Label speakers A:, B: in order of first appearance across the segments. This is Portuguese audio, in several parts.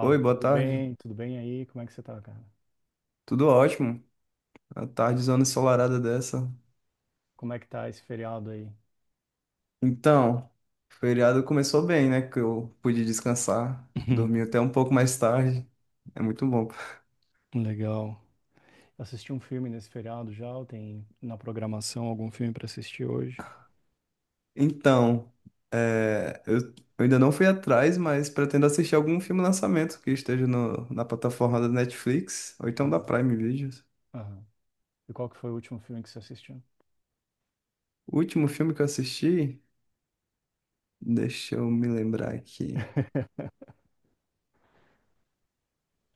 A: Oi, boa
B: tudo
A: tarde.
B: bem? Tudo bem aí? Como é que você tá, cara?
A: Tudo ótimo. A tarde zona ensolarada dessa.
B: Como é que tá esse feriado aí?
A: Então, o feriado começou bem, né? Que eu pude descansar. Dormi até um pouco mais tarde. É muito bom.
B: Legal. Assisti um filme nesse feriado já? Ou tem na programação algum filme pra assistir hoje?
A: Então, eu ainda não fui atrás, mas pretendo assistir algum filme lançamento que esteja na plataforma da Netflix ou então da
B: Aham,
A: Prime Videos.
B: aham. E qual que foi o último filme que você assistiu?
A: O último filme que eu assisti, deixa eu me lembrar aqui.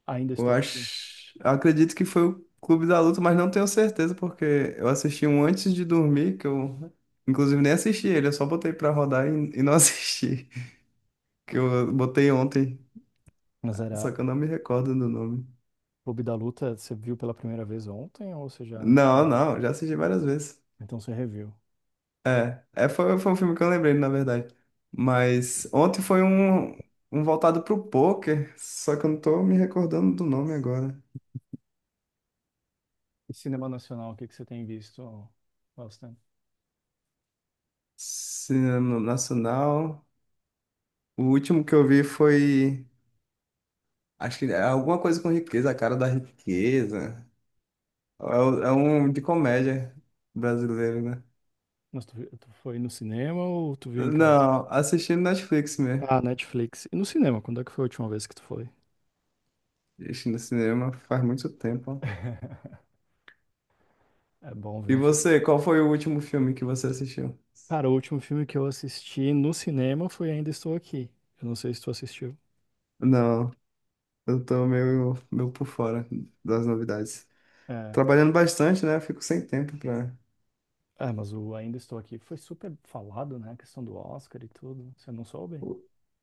B: Ainda estou aqui.
A: Eu acredito que foi o Clube da Luta, mas não tenho certeza porque eu assisti um antes de dormir, que eu inclusive nem assisti ele, eu só botei pra rodar e não assisti, que eu botei ontem,
B: Mas
A: só
B: era
A: que eu não me recordo do nome.
B: Clube da Luta, você viu pela primeira vez ontem ou você já tinha
A: Não,
B: visto?
A: não, já assisti várias vezes.
B: Então você reviu.
A: Foi um filme que eu lembrei, na verdade. Mas ontem foi um voltado pro poker, só que eu não tô me recordando do nome agora.
B: E cinema nacional, o que que você tem visto bastante?
A: Cinema Nacional. O último que eu vi foi, acho que é alguma coisa com riqueza, a cara da riqueza. É, é um de comédia brasileiro, né?
B: Mas tu foi no cinema ou tu viu em casa?
A: Não, assistindo Netflix mesmo.
B: Ah, Netflix. E no cinema, quando é que foi a última vez que tu foi?
A: Assistindo cinema faz muito tempo.
B: É bom ver
A: E
B: um filme.
A: você, qual foi o último filme que você assistiu?
B: Cara, o último filme que eu assisti no cinema foi Ainda Estou Aqui. Eu não sei se tu assistiu.
A: Não, eu tô meio por fora das novidades.
B: É,
A: Trabalhando bastante, né? Fico sem tempo pra...
B: mas o Ainda Estou Aqui foi super falado, né? A questão do Oscar e tudo. Você não soube?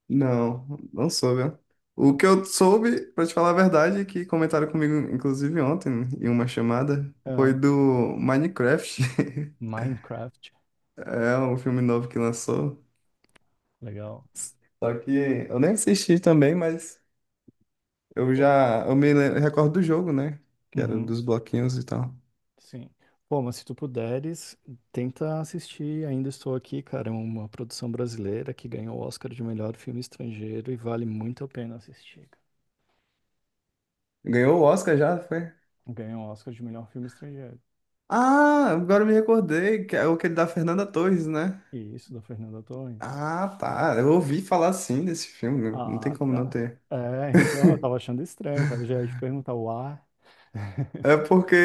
A: Não, não soube, ó.
B: Tá
A: O que
B: bem.
A: eu soube, pra te falar a verdade, é que comentaram comigo, inclusive ontem, em uma chamada, foi
B: É.
A: do Minecraft.
B: Minecraft,
A: É um filme novo que lançou.
B: legal.
A: Só que eu nem assisti também, mas eu
B: Pô,
A: já. Eu recordo do jogo, né? Que era
B: uhum,
A: dos bloquinhos e tal.
B: sim. Pô, mas se tu puderes, tenta assistir Ainda Estou Aqui, cara. É uma produção brasileira que ganhou o Oscar de melhor filme estrangeiro e vale muito a pena assistir.
A: Ganhou o Oscar já, foi?
B: Ganhou o Oscar de melhor filme estrangeiro.
A: Ah, agora eu me recordei, que é o que ele da Fernanda Torres, né?
B: E isso, da Fernanda Torres.
A: Ah, tá. Eu ouvi falar sim desse filme, não tem
B: Ah,
A: como não
B: tá.
A: ter.
B: É, então eu tava achando estranho, cara. Já ia te perguntar o ar.
A: É porque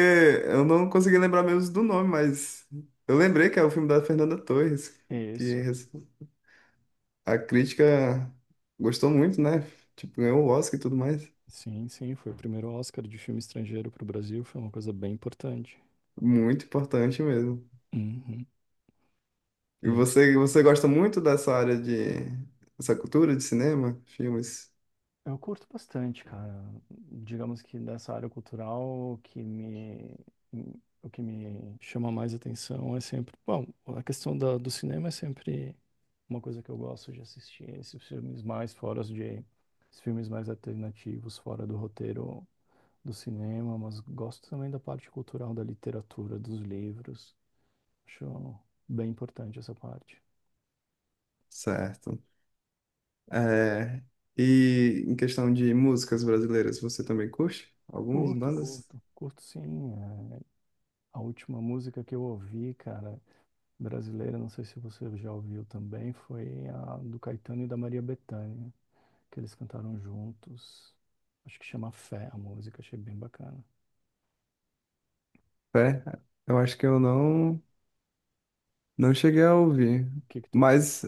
A: eu não consegui lembrar mesmo do nome, mas eu lembrei que é o filme da Fernanda Torres, que
B: Isso.
A: a crítica gostou muito, né? Tipo, ganhou o Oscar e tudo mais.
B: Sim, sim, foi o primeiro Oscar de filme estrangeiro pro Brasil, foi uma coisa bem importante.
A: Muito importante mesmo.
B: Uhum.
A: E você, você gosta muito dessa cultura de cinema, filmes?
B: Eu curto bastante, cara. Digamos que dessa área cultural, o que me chama mais atenção é sempre. Bom, a questão da, do cinema é sempre uma coisa que eu gosto de assistir. Esses filmes mais fora de. Esses filmes mais alternativos, fora do roteiro do cinema, mas gosto também da parte cultural, da literatura, dos livros. Acho bem importante essa parte.
A: Certo. É, e em questão de músicas brasileiras, você também curte algumas
B: Curto,
A: bandas?
B: curto, curto sim. é, a última música que eu ouvi, cara, brasileira, não sei se você já ouviu também, foi a do Caetano e da Maria Bethânia, que eles cantaram juntos. Acho que chama Fé a música, achei bem bacana. O
A: É, eu acho que eu não, não cheguei a ouvir.
B: que que tu curte?
A: Mas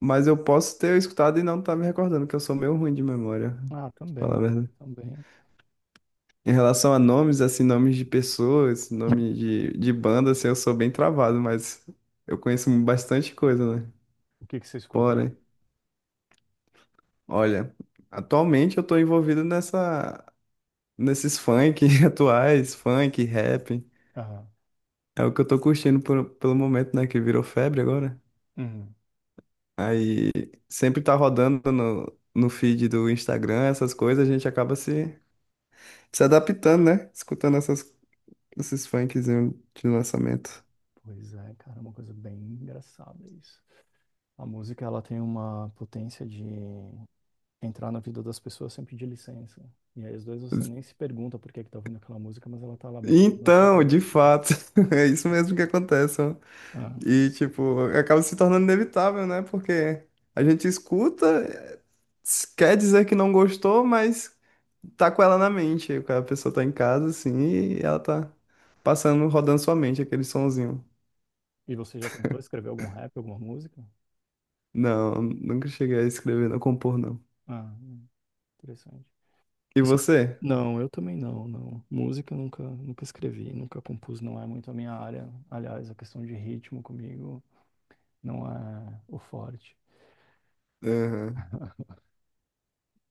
A: Mas eu posso ter escutado e não tá me recordando, que eu sou meio ruim de memória,
B: Ah,
A: pra falar a
B: também,
A: verdade.
B: também.
A: Em relação a nomes, assim, nomes de pessoas, nome de banda, assim, eu sou bem travado, mas eu conheço bastante coisa, né?
B: O que que você escuta?
A: Porém, olha, atualmente eu tô nesses funk atuais, funk, rap.
B: Aham.
A: É o que eu tô curtindo pelo momento, né? Que virou febre agora.
B: Uhum.
A: Aí sempre tá rodando no feed do Instagram, essas coisas, a gente acaba se adaptando, né? Escutando esses funkzinhos de lançamento.
B: Pois é, cara, é uma coisa bem engraçada isso. A música, ela tem uma potência de entrar na vida das pessoas sem pedir licença. E aí, às vezes, você nem se pergunta por que que tá ouvindo aquela música, mas ela tá lá batendo na sua
A: Então, de
B: cabeça, né?
A: fato, é isso mesmo que acontece, ó.
B: Ah.
A: E, tipo, acaba se tornando inevitável, né? Porque a gente escuta, quer dizer que não gostou, mas tá com ela na mente. A pessoa tá em casa, assim, e ela tá passando, rodando sua mente aquele sonzinho.
B: E você já tentou escrever algum rap, alguma música?
A: Não, nunca cheguei a escrever, não compor, não.
B: Ah, interessante.
A: E
B: Isso eu
A: você?
B: Não, eu também não, não. Música eu nunca escrevi, nunca compus, não é muito a minha área. Aliás, a questão de ritmo comigo não é o forte.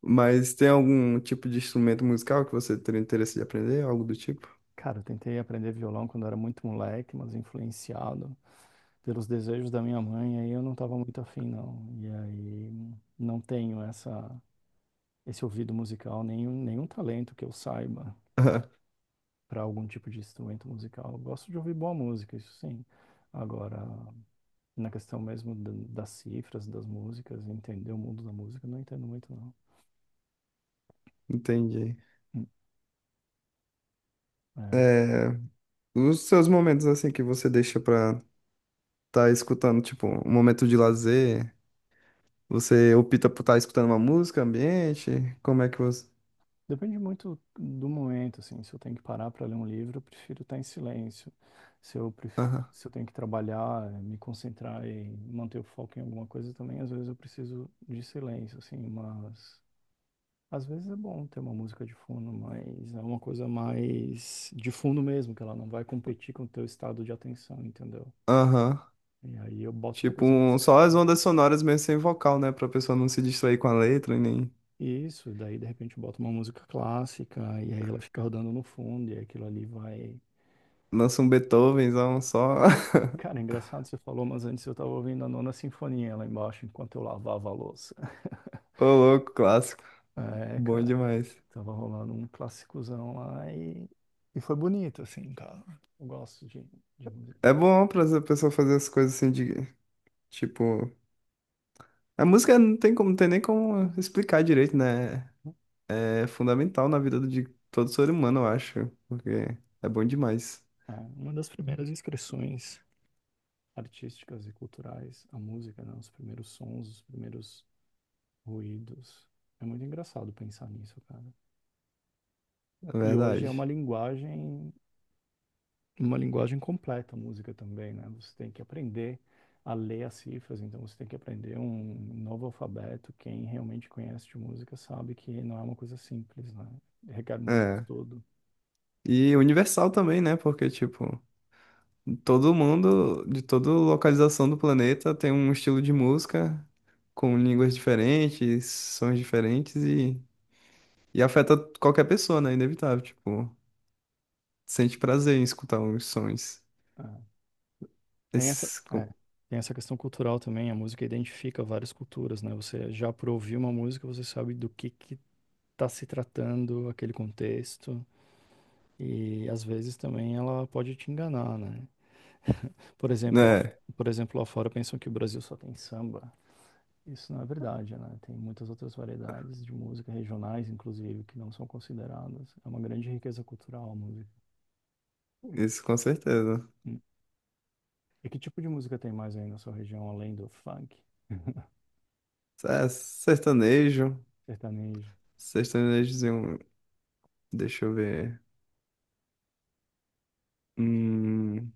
A: Mas tem algum tipo de instrumento musical que você teria interesse de aprender? Algo do tipo?
B: Cara, eu tentei aprender violão quando era muito moleque, mas influenciado pelos desejos da minha mãe, aí eu não estava muito afim, não. E aí não tenho esse ouvido musical, nenhum talento que eu saiba para algum tipo de instrumento musical. Eu gosto de ouvir boa música, isso sim. Agora, na questão mesmo da- das cifras, das músicas, entender o mundo da música, eu não entendo muito, não.
A: Entendi.
B: Hum. É,
A: É, os seus momentos assim que você deixa pra estar escutando, tipo, um momento de lazer, você opta por estar escutando uma música, ambiente? Como é que você...
B: depende muito do momento, assim. Se eu tenho que parar para ler um livro, eu prefiro estar em silêncio. Se eu, pref-
A: Aham.
B: Se eu tenho que trabalhar, me concentrar e manter o foco em alguma coisa também, às vezes eu preciso de silêncio, assim, mas às vezes é bom ter uma música de fundo, mas é uma coisa mais de fundo mesmo, que ela não vai competir com o teu estado de atenção, entendeu?
A: Aham.
B: E aí eu boto uma
A: Tipo,
B: coisa mais
A: só as
B: calma.
A: ondas sonoras mesmo sem vocal, né? Pra pessoa não se distrair com a letra, e nem
B: Isso, daí de repente eu boto uma música clássica, e aí ela fica rodando no fundo, e aquilo ali vai.
A: lança um Beethovenzão só.
B: Cara, é engraçado você falou, mas antes eu tava ouvindo a Nona Sinfonia lá embaixo enquanto eu lavava a louça.
A: Ô, louco, clássico.
B: É,
A: Bom
B: cara,
A: demais.
B: tava rolando um clássicozão lá e foi bonito, assim, cara. Eu gosto de, de música.
A: É bom pra essa pessoa fazer as coisas tipo, A música não tem como, não tem nem como explicar direito, né? É fundamental na vida de todo ser humano, eu acho, porque é bom demais,
B: É, uma das primeiras expressões artísticas e culturais, a música, né? Os primeiros sons, os primeiros ruídos. É muito engraçado pensar nisso, cara.
A: é
B: E hoje é
A: verdade.
B: uma linguagem completa a música também, né? Você tem que aprender a ler as cifras, então você tem que aprender um novo alfabeto. Quem realmente conhece de música sabe que não é uma coisa simples, né? Requer muito
A: É.
B: estudo.
A: E universal também, né? Porque, tipo, todo mundo, de toda localização do planeta, tem um estilo de música com línguas diferentes, sons diferentes e afeta qualquer pessoa, né? Inevitável, tipo, sente prazer em escutar os sons.
B: Né? Tem essa,
A: Esses,
B: é,
A: com-
B: tem essa questão cultural também, a música identifica várias culturas, né? Você já por ouvir uma música, você sabe do que tá se tratando aquele contexto, e às vezes também ela pode te enganar, né? Por exemplo, lá,
A: né?
B: por exemplo, lá fora pensam que o Brasil só tem samba. Isso não é verdade, né? Tem muitas outras variedades de música regionais, inclusive, que não são consideradas. É uma grande riqueza cultural a música.
A: Isso com certeza.
B: Hum. E que tipo de música tem mais aí na sua região, além do funk,
A: É, sertanejo.
B: sertanejo?
A: Sertanejozinho. Deixa eu ver. Hum,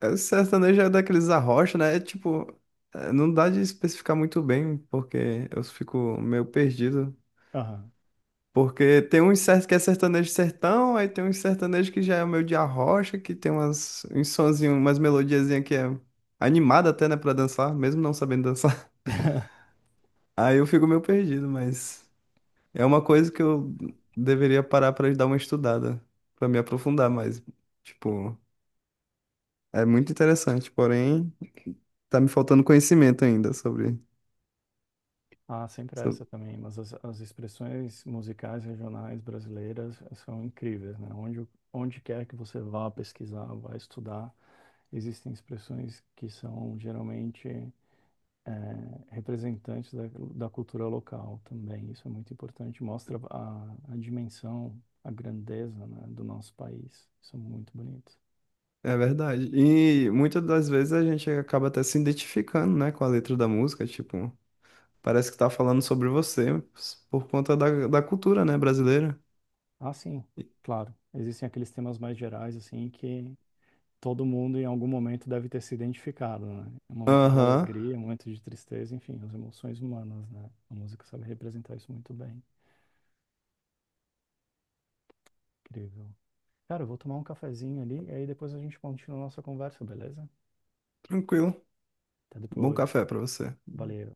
A: é, sertanejo é daqueles arrocha, né? É tipo... é, não dá de especificar muito bem, porque eu fico meio perdido.
B: Aham.
A: Porque tem uns certos que é sertanejo sertão, aí tem uns sertanejo que já é meio de arrocha, que tem uns sonzinhos, umas melodiazinhas que é animada até, né, pra dançar, mesmo não sabendo dançar. Aí eu fico meio perdido, mas... É uma coisa que eu deveria parar pra dar uma estudada, pra me aprofundar mais. Tipo, é muito interessante, porém, tá me faltando conhecimento ainda sobre,
B: Ah, sempre
A: sobre...
B: essa também, mas as expressões musicais regionais brasileiras são incríveis, né? Onde, onde quer que você vá pesquisar, vá estudar, existem expressões que são geralmente representantes da, da cultura local também. Isso é muito importante, mostra a dimensão, a grandeza, né, do nosso país. São muito bonitos.
A: É verdade. E muitas das vezes a gente acaba até se identificando, né, com a letra da música, tipo, parece que tá falando sobre você por conta da cultura, né, brasileira.
B: Ah, sim, claro. Existem aqueles temas mais gerais, assim, que todo mundo em algum momento deve ter se identificado, né? É um momento de
A: Aham,
B: alegria, um momento de tristeza, enfim, as emoções humanas, né? A música sabe representar isso muito bem. Incrível. Cara, eu vou tomar um cafezinho ali e aí depois a gente continua a nossa conversa, beleza?
A: tranquilo.
B: Até
A: Bom
B: depois.
A: café pra você.
B: Valeu.